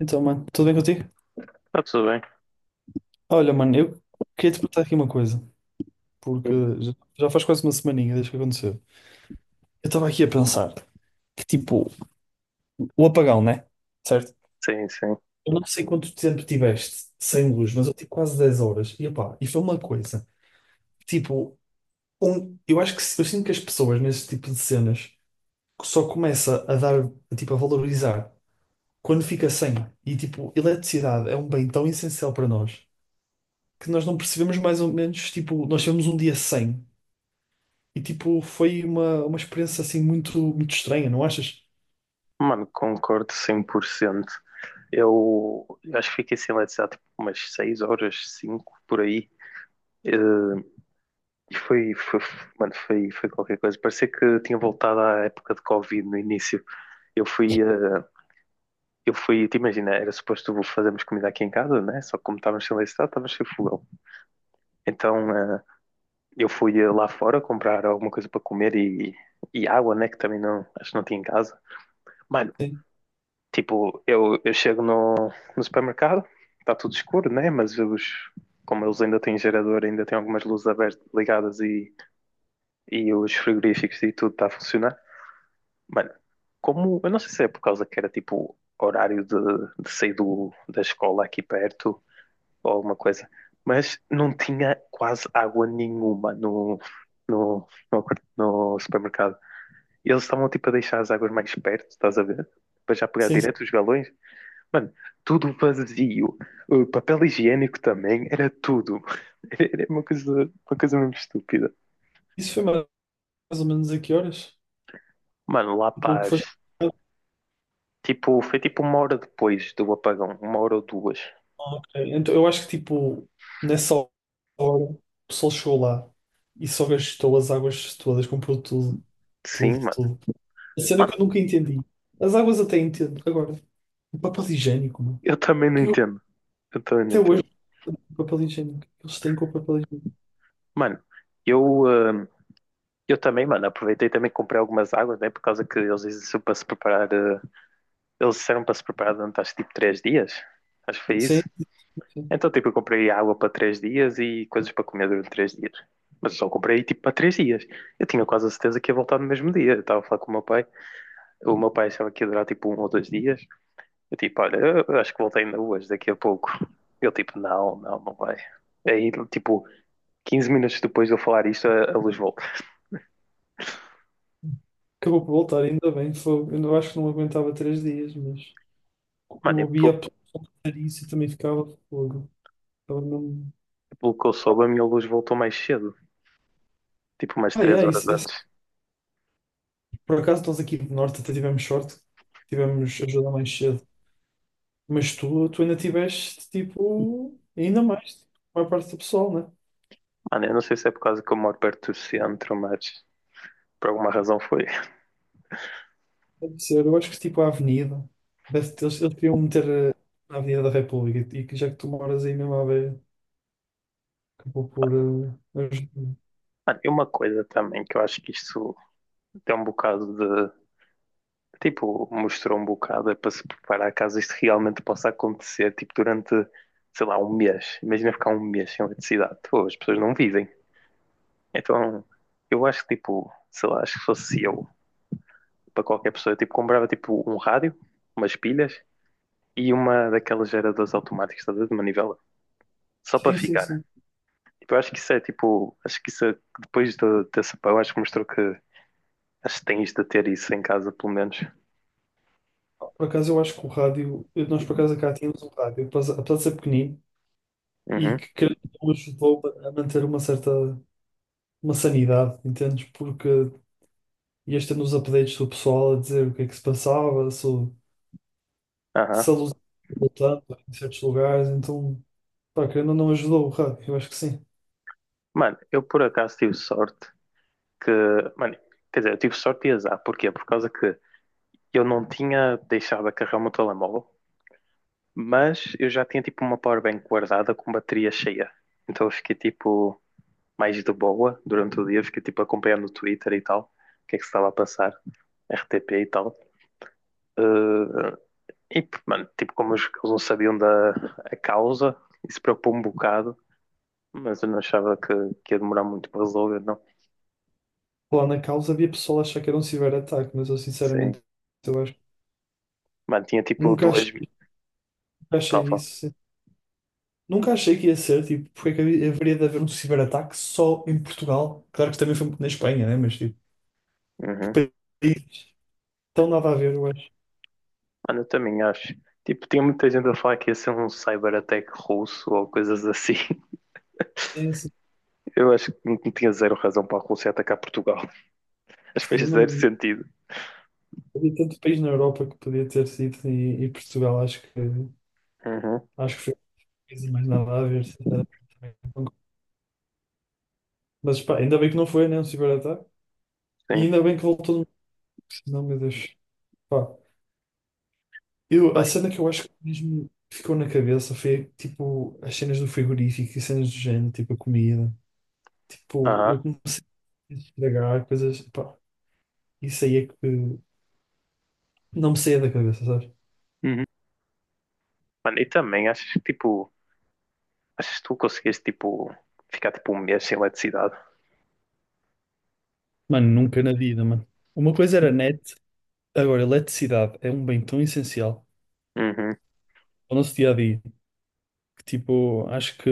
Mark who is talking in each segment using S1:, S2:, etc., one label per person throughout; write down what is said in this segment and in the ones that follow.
S1: Então, mano, tudo bem contigo?
S2: Está tudo bem.
S1: Olha, mano, eu queria te perguntar aqui uma coisa, porque já, já faz quase uma semaninha desde que aconteceu. Eu estava aqui a pensar que, tipo, o apagão, né? Certo?
S2: Sim, sim.
S1: Eu não sei quanto tempo tiveste sem luz, mas eu tive quase 10 horas. E, opá, e foi uma coisa, tipo, eu acho que eu sinto que as pessoas nesse tipo de cenas só começa a dar, tipo, a valorizar quando fica sem. E, tipo, eletricidade é um bem tão essencial para nós que nós não percebemos mais ou menos, tipo, nós tivemos um dia sem. E tipo, foi uma experiência assim muito, muito estranha, não achas?
S2: Mano, concordo 100%. Eu acho que fiquei sem eletricidade há tipo, umas 6 horas, 5 por aí. Eh, E mano, foi qualquer coisa. Parecia que tinha voltado à época de Covid no início. Eu fui, eh, eu fui, te imagina, era suposto fazermos comida aqui em casa, né? Só que como estávamos sem eletricidade, estávamos sem fogão. Então, eu fui lá fora comprar alguma coisa para comer e água, né? Que também não, acho que não tinha em casa. Mano,
S1: Sim.
S2: tipo, eu chego no supermercado, está tudo escuro, né? Mas como eles ainda têm gerador, ainda têm algumas luzes abertas, ligadas e os frigoríficos e tudo está a funcionar. Mano, como, eu não sei se é por causa que era tipo horário de sair da escola aqui perto ou alguma coisa, mas não tinha quase água nenhuma no, no, no supermercado. E eles estavam tipo a deixar as águas mais perto, estás a ver? Para já pegar
S1: Sim, sim.
S2: direto os galões. Mano, tudo vazio. O papel higiênico também era tudo. Era uma coisa mesmo estúpida.
S1: Isso foi mais mais ou menos a que horas?
S2: Mano, lá
S1: Tipo, o que
S2: paz.
S1: foste?
S2: Tipo, foi tipo uma hora depois do apagão. Uma hora ou duas.
S1: Então, eu acho que tipo, nessa hora, o pessoal chegou lá e só gastou as águas todas, comprou tudo, tudo,
S2: Sim, mano.
S1: tudo. A cena que
S2: Mano,
S1: eu nunca entendi. As águas até entendo. Agora, o papel higiênico, mano.
S2: eu também não
S1: Que eu,
S2: entendo. Eu também não
S1: até hoje,
S2: entendo.
S1: o papel higiênico. Eles têm com o papel higiênico.
S2: Mano, eu, ah, eu também, mano, aproveitei e também comprei algumas águas, né? Por causa que eles disseram para se preparar. Eles disseram para se preparar durante acho tipo 3 dias. Acho que foi
S1: Sim,
S2: isso.
S1: sim.
S2: Então, tipo, eu comprei água para 3 dias e coisas para comer durante 3 dias. Mas eu só comprei, tipo, para 3 dias. Eu tinha quase a certeza que ia voltar no mesmo dia. Eu estava a falar com o meu pai. O meu pai achava que ia durar, tipo, um ou dois dias. Eu, tipo, olha, eu acho que voltei ainda hoje, daqui a pouco. Eu, tipo, não, não, não vai. Aí, tipo, 15 minutos depois de eu falar isto, a luz volta.
S1: Acabou por voltar, ainda bem. Foi, eu acho que não aguentava 3 dias, mas. Eu
S2: Mano, e
S1: ouvia a
S2: pelo,
S1: pessoa fazer isso e também ficava de fogo. Ficava
S2: pelo que eu
S1: ficava-
S2: soube, a minha luz voltou mais cedo. Tipo, umas
S1: Ah,
S2: três
S1: é,
S2: horas antes.
S1: Por acaso nós aqui do Norte até tivemos sorte, tivemos ajuda mais cedo. Mas tu ainda tiveste, tipo, ainda mais, tipo, a maior parte do pessoal, né?
S2: Mano, eu não sei se é por causa que eu moro perto do centro, mas por alguma razão foi.
S1: Deve ser, eu acho que tipo a Avenida, deve ter, eles queriam meter na Avenida da República e que já que tu moras aí mesmo à beira, acabou por. Ajudar.
S2: Olha, e uma coisa também que eu acho que isto tem um bocado de. Tipo, mostrou um bocado é para se preparar caso isto realmente possa acontecer, tipo, durante, sei lá, um mês. Imagina ficar um mês sem eletricidade. Pô, as pessoas não vivem. Então, eu acho que, tipo, sei lá, acho que fosse eu, para qualquer pessoa, eu, tipo, comprava, tipo, um rádio, umas pilhas e uma daquelas geradoras automáticas, estás a ver, de manivela, só para
S1: Sim, sim,
S2: ficar.
S1: sim.
S2: Tipo, eu acho que isso é, tipo, acho que isso é, dessa, pá, eu acho que mostrou que acho que tens de ter isso em casa, pelo menos.
S1: Por acaso eu acho que o rádio, nós por acaso cá tínhamos um rádio, apesar de ser pequenino. E
S2: Uhum,
S1: que creio que o ajudou a manter uma certa uma sanidade, entendes? Porque ias tendo os updates do pessoal a dizer o que é que se passava, se,
S2: aham.
S1: se a luz estava voltando em certos lugares, então, pá, querendo ou não ajudou, rá, eu acho que sim.
S2: Mano, eu por acaso tive sorte que. Mano, quer dizer, eu tive sorte e azar. Porquê? Por causa que eu não tinha deixado a carregar o meu telemóvel, mas eu já tinha tipo uma powerbank guardada com bateria cheia. Então eu fiquei tipo mais de boa durante o dia, fiquei tipo acompanhando o Twitter e tal, o que é que se estava a passar, RTP e tal. Eh, e, mano, tipo, como eles não sabiam da a causa, isso preocupou-me um bocado, mas eu não achava que ia demorar muito para resolver, não.
S1: Lá na causa havia pessoal a achar que era um ciberataque, mas eu
S2: Sim.
S1: sinceramente, eu acho,
S2: Mano, tinha tipo
S1: nunca
S2: duas.
S1: achei, nunca achei
S2: Tava.
S1: isso. Sim. Nunca achei que ia ser, tipo, porque é que haveria de haver um ciberataque só em Portugal? Claro que também foi na Espanha, né? Mas, tipo, que
S2: Uhum.
S1: país tão nada a ver, eu acho.
S2: Mano, eu também acho. Tipo, tinha muita gente a falar que ia ser um cyberattack russo ou coisas assim.
S1: Sim, sim.
S2: Eu acho que não tinha zero razão para a Rússia atacar Portugal. Acho que
S1: Sim, eu
S2: fez zero
S1: não
S2: sentido.
S1: havia tanto país na Europa que podia ter sido e Portugal
S2: Uhum.
S1: acho que foi uma coisa mais nada a ver. Sinceramente. Também concordo. Mas pá, ainda bem que não foi, né? Um ciberataque. E
S2: Sim.
S1: ainda bem que voltou no. Não, meu Deus. Pá, eu, a
S2: Bem.
S1: cena que eu acho que mesmo ficou na cabeça foi tipo as cenas do frigorífico e cenas do género, tipo a comida. Tipo, eu
S2: Aham.
S1: comecei a estragar coisas. Pá, isso aí é que não me saía da cabeça, sabes?
S2: Uhum. Mano, e também acho que tipo. Achas que tu conseguiste tipo. Ficar tipo um mês sem eletricidade?
S1: Mano, nunca na vida, mano. Uma coisa era net. Agora, eletricidade é um bem tão essencial
S2: Uhum.
S1: ao nosso dia a dia que, tipo,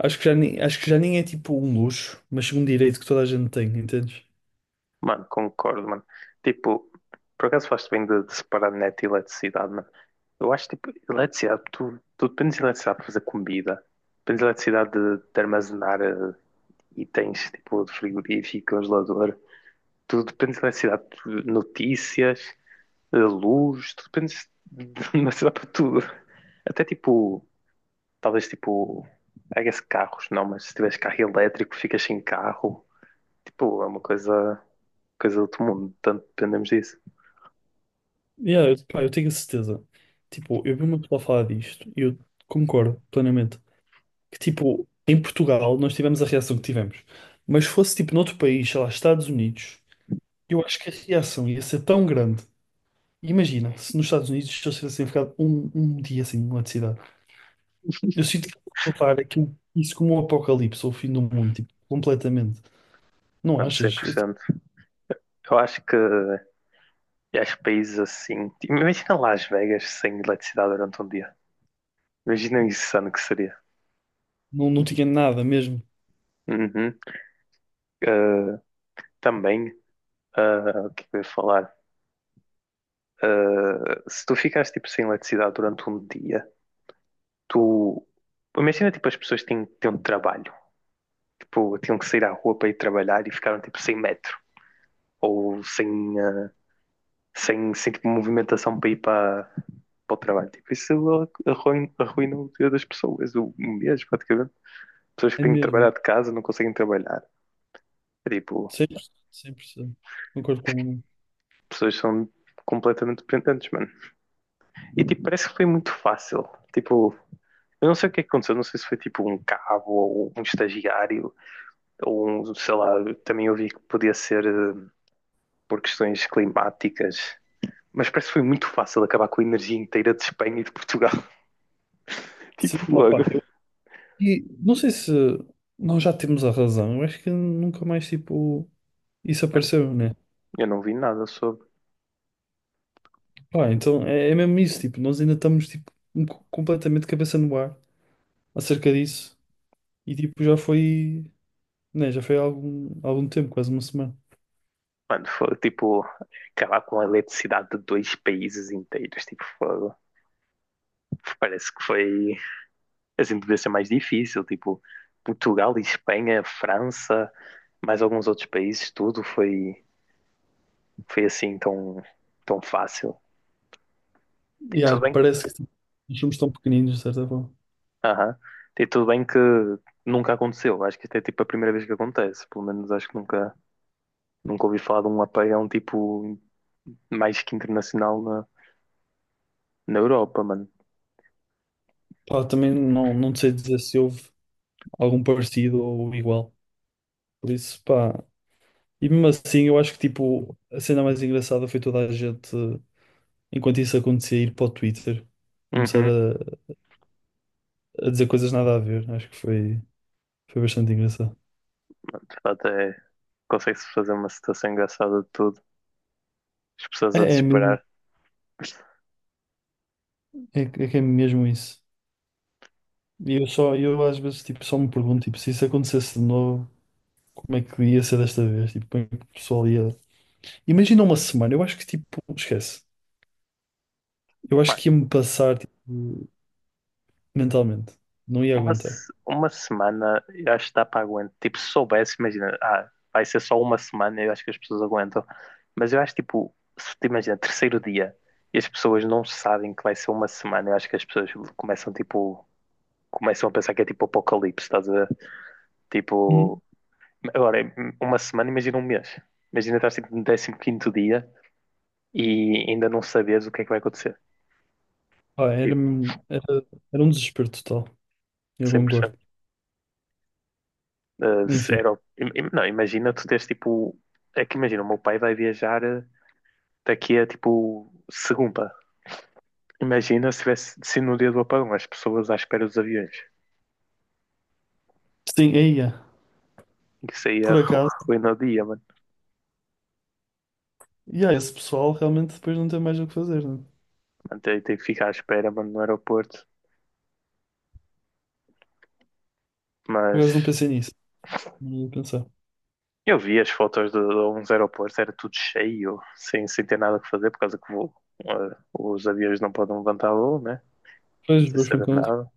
S1: acho que já nem, acho que já nem é tipo um luxo, mas um direito que toda a gente tem, entendes?
S2: Mano, concordo, mano. Tipo, por acaso faz bem de separar net e eletricidade, mano. Eu acho, tipo, eletricidade, tu dependes de eletricidade para fazer comida, dependes de eletricidade de armazenar itens, tipo, de frigorífico, congelador, tu dependes de eletricidade de notícias, luz, tu dependes de eletricidade para tudo. Até, tipo, talvez, tipo, I guess carros, não, mas se tiveres carro elétrico, ficas sem carro. Tipo, é uma coisa do outro mundo, tanto dependemos disso,
S1: Yeah, eu, pá, eu tenho a certeza. Tipo, eu vi uma pessoa falar disto e eu concordo plenamente. Que, tipo, em Portugal nós tivemos a reação que tivemos, mas se fosse tipo noutro país, sei lá, Estados Unidos, eu acho que a reação ia ser tão grande. Imagina, se nos Estados Unidos se eu tivesse ficado um dia assim numa cidade. Eu sinto que vou levar aquilo, isso como um apocalipse ou o fim do mundo, tipo, completamente. Não
S2: mano,
S1: achas? Eu, tipo,
S2: 100%. Eu acho que, e acho que países assim, tipo, imagina Las Vegas sem eletricidade durante um dia, imagina o insano que seria.
S1: não, não tinha nada mesmo.
S2: Uhum. Uh, Também, o que é que eu ia falar? Se tu ficares tipo sem eletricidade durante um dia, tu imagina tipo as pessoas têm um trabalho, tipo, tinham que sair à rua para ir trabalhar e ficaram tipo sem metro ou sem, ah, sem tipo, movimentação para ir para o trabalho. Tipo, isso arruina o dia das pessoas, o mês praticamente. Pessoas que
S1: É
S2: têm que
S1: mesmo.
S2: trabalhar de casa não conseguem trabalhar. É, tipo,
S1: 100%, 100%. Concordo com o
S2: pessoas que são completamente dependentes, mano. E tipo, parece que foi muito fácil. Tipo, eu não sei o que é que aconteceu, não sei se foi tipo um cabo ou um estagiário ou um, sei lá, também ouvi que podia ser por questões climáticas. Mas parece que foi muito fácil acabar com a energia inteira de Espanha e de Portugal. Tipo,
S1: Sim, opá,
S2: logo.
S1: eu, e não sei se nós já temos a razão. Eu acho que nunca mais, tipo, isso apareceu, né?
S2: Eu não vi nada sobre.
S1: Pá, então é, é mesmo isso, tipo, nós ainda estamos, tipo, completamente cabeça no ar acerca disso. E, tipo, já foi. Nem, já foi há algum tempo, quase uma semana.
S2: Mano, foi tipo acabar com a eletricidade de dois países inteiros. Tipo, fogo. Parece que foi assim, devia ser mais difícil. Tipo, Portugal, Espanha, França, mais alguns outros países, tudo foi, assim tão, tão fácil. Tipo, tudo
S1: Yeah,
S2: bem.
S1: parece que os filmes estão pequeninos, de certa forma.
S2: Aham. Tipo, tudo bem que nunca aconteceu. Acho que isto é tipo a primeira vez que acontece. Pelo menos acho que nunca ouvi falar de um apagão tipo mais que internacional na Europa, mano.
S1: Pá, também não sei dizer se houve algum parecido ou igual. Por isso, pá. E mesmo assim, eu acho que tipo, a cena mais engraçada foi toda a gente, enquanto isso acontecia, ir para o Twitter, começar
S2: Uhum.
S1: a dizer coisas nada a ver. Acho que foi, foi bastante engraçado.
S2: De fato, é. Consegue-se fazer uma situação engraçada de tudo. As pessoas a
S1: É, é mesmo,
S2: desesperar.
S1: é, que é que é mesmo isso. E eu só, eu às vezes tipo, só me pergunto, tipo, se isso acontecesse de novo, como é que ia ser desta vez? Tipo, como é que o pessoal ia. Imagina uma semana, eu acho que tipo, esquece. Eu acho
S2: Mano,
S1: que ia-me passar tipo, mentalmente. Não ia
S2: uma,
S1: aguentar.
S2: se- uma semana eu acho que dá para aguentar. Tipo, se soubesse, imagina, ah, vai ser só uma semana, eu acho que as pessoas aguentam. Mas eu acho, tipo, se te imagina, terceiro dia e as pessoas não sabem que vai ser uma semana, eu acho que as pessoas começam, tipo, começam a pensar que é tipo apocalipse, estás a ver?
S1: Uhum.
S2: Tipo, agora, é uma semana, imagina um mês. Imagina estás tipo, no 15.º dia e ainda não sabes o que é que vai acontecer.
S1: Ah, era,
S2: Tipo,
S1: era, era um desespero total. Eu
S2: 100%.
S1: concordo.
S2: Se
S1: Enfim.
S2: era, não, imagina tu teres tipo. É que imagina, o meu pai vai viajar daqui a tipo segunda. Imagina se tivesse se no dia do apagão as pessoas à espera dos aviões.
S1: Sim, aí é.
S2: Isso aí é
S1: Por acaso,
S2: ruína o dia, mano.
S1: e aí, esse pessoal realmente depois não tem mais o que fazer, né?
S2: Mano, tem que ficar à espera, mano, no aeroporto.
S1: Por
S2: Mas
S1: acaso não pensei nisso. Não ia pensar.
S2: eu vi as fotos de alguns aeroportos, era tudo cheio, sem ter nada que fazer, por causa que os aviões não podem levantar voo, né?
S1: Pois,
S2: Sem
S1: pois,
S2: saber
S1: concordo.
S2: nada.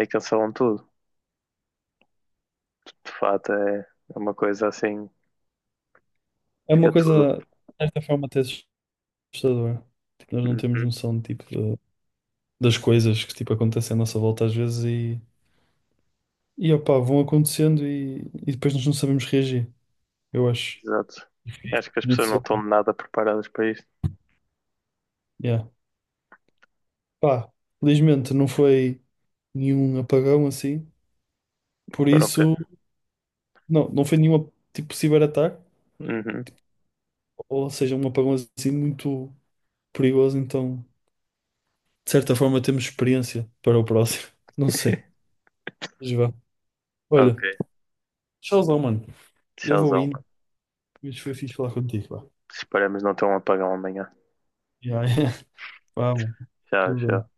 S2: E cancelam tudo. De fato, é uma coisa assim
S1: É
S2: fica
S1: uma
S2: tudo.
S1: coisa, de certa forma, até assustadora. Tipo, nós não temos
S2: Uhum,
S1: noção tipo, das coisas que tipo, acontecem à nossa volta às vezes e opá, vão acontecendo e depois nós não sabemos reagir. Eu acho.
S2: exato. Acho que as pessoas não
S1: Aconteceu.
S2: estão nada preparadas para isto.
S1: Yeah. Pá, felizmente não foi nenhum apagão assim. Por
S2: Foram pe-
S1: isso, não foi nenhum tipo ciberataque,
S2: Uhum,
S1: ou seja, um apagão assim muito perigoso. Então, de certa forma, temos experiência para o próximo. Não sei. Mas vá. Olha,
S2: ok.
S1: tchauzão, mano. Eu vou
S2: Tchauzão,
S1: indo.
S2: mano.
S1: Mas foi fixe falar contigo, vá.
S2: Esperamos não ter um apagão amanhã.
S1: Yeah, vá, mano.
S2: Tchau,
S1: Tudo bem.
S2: tchau.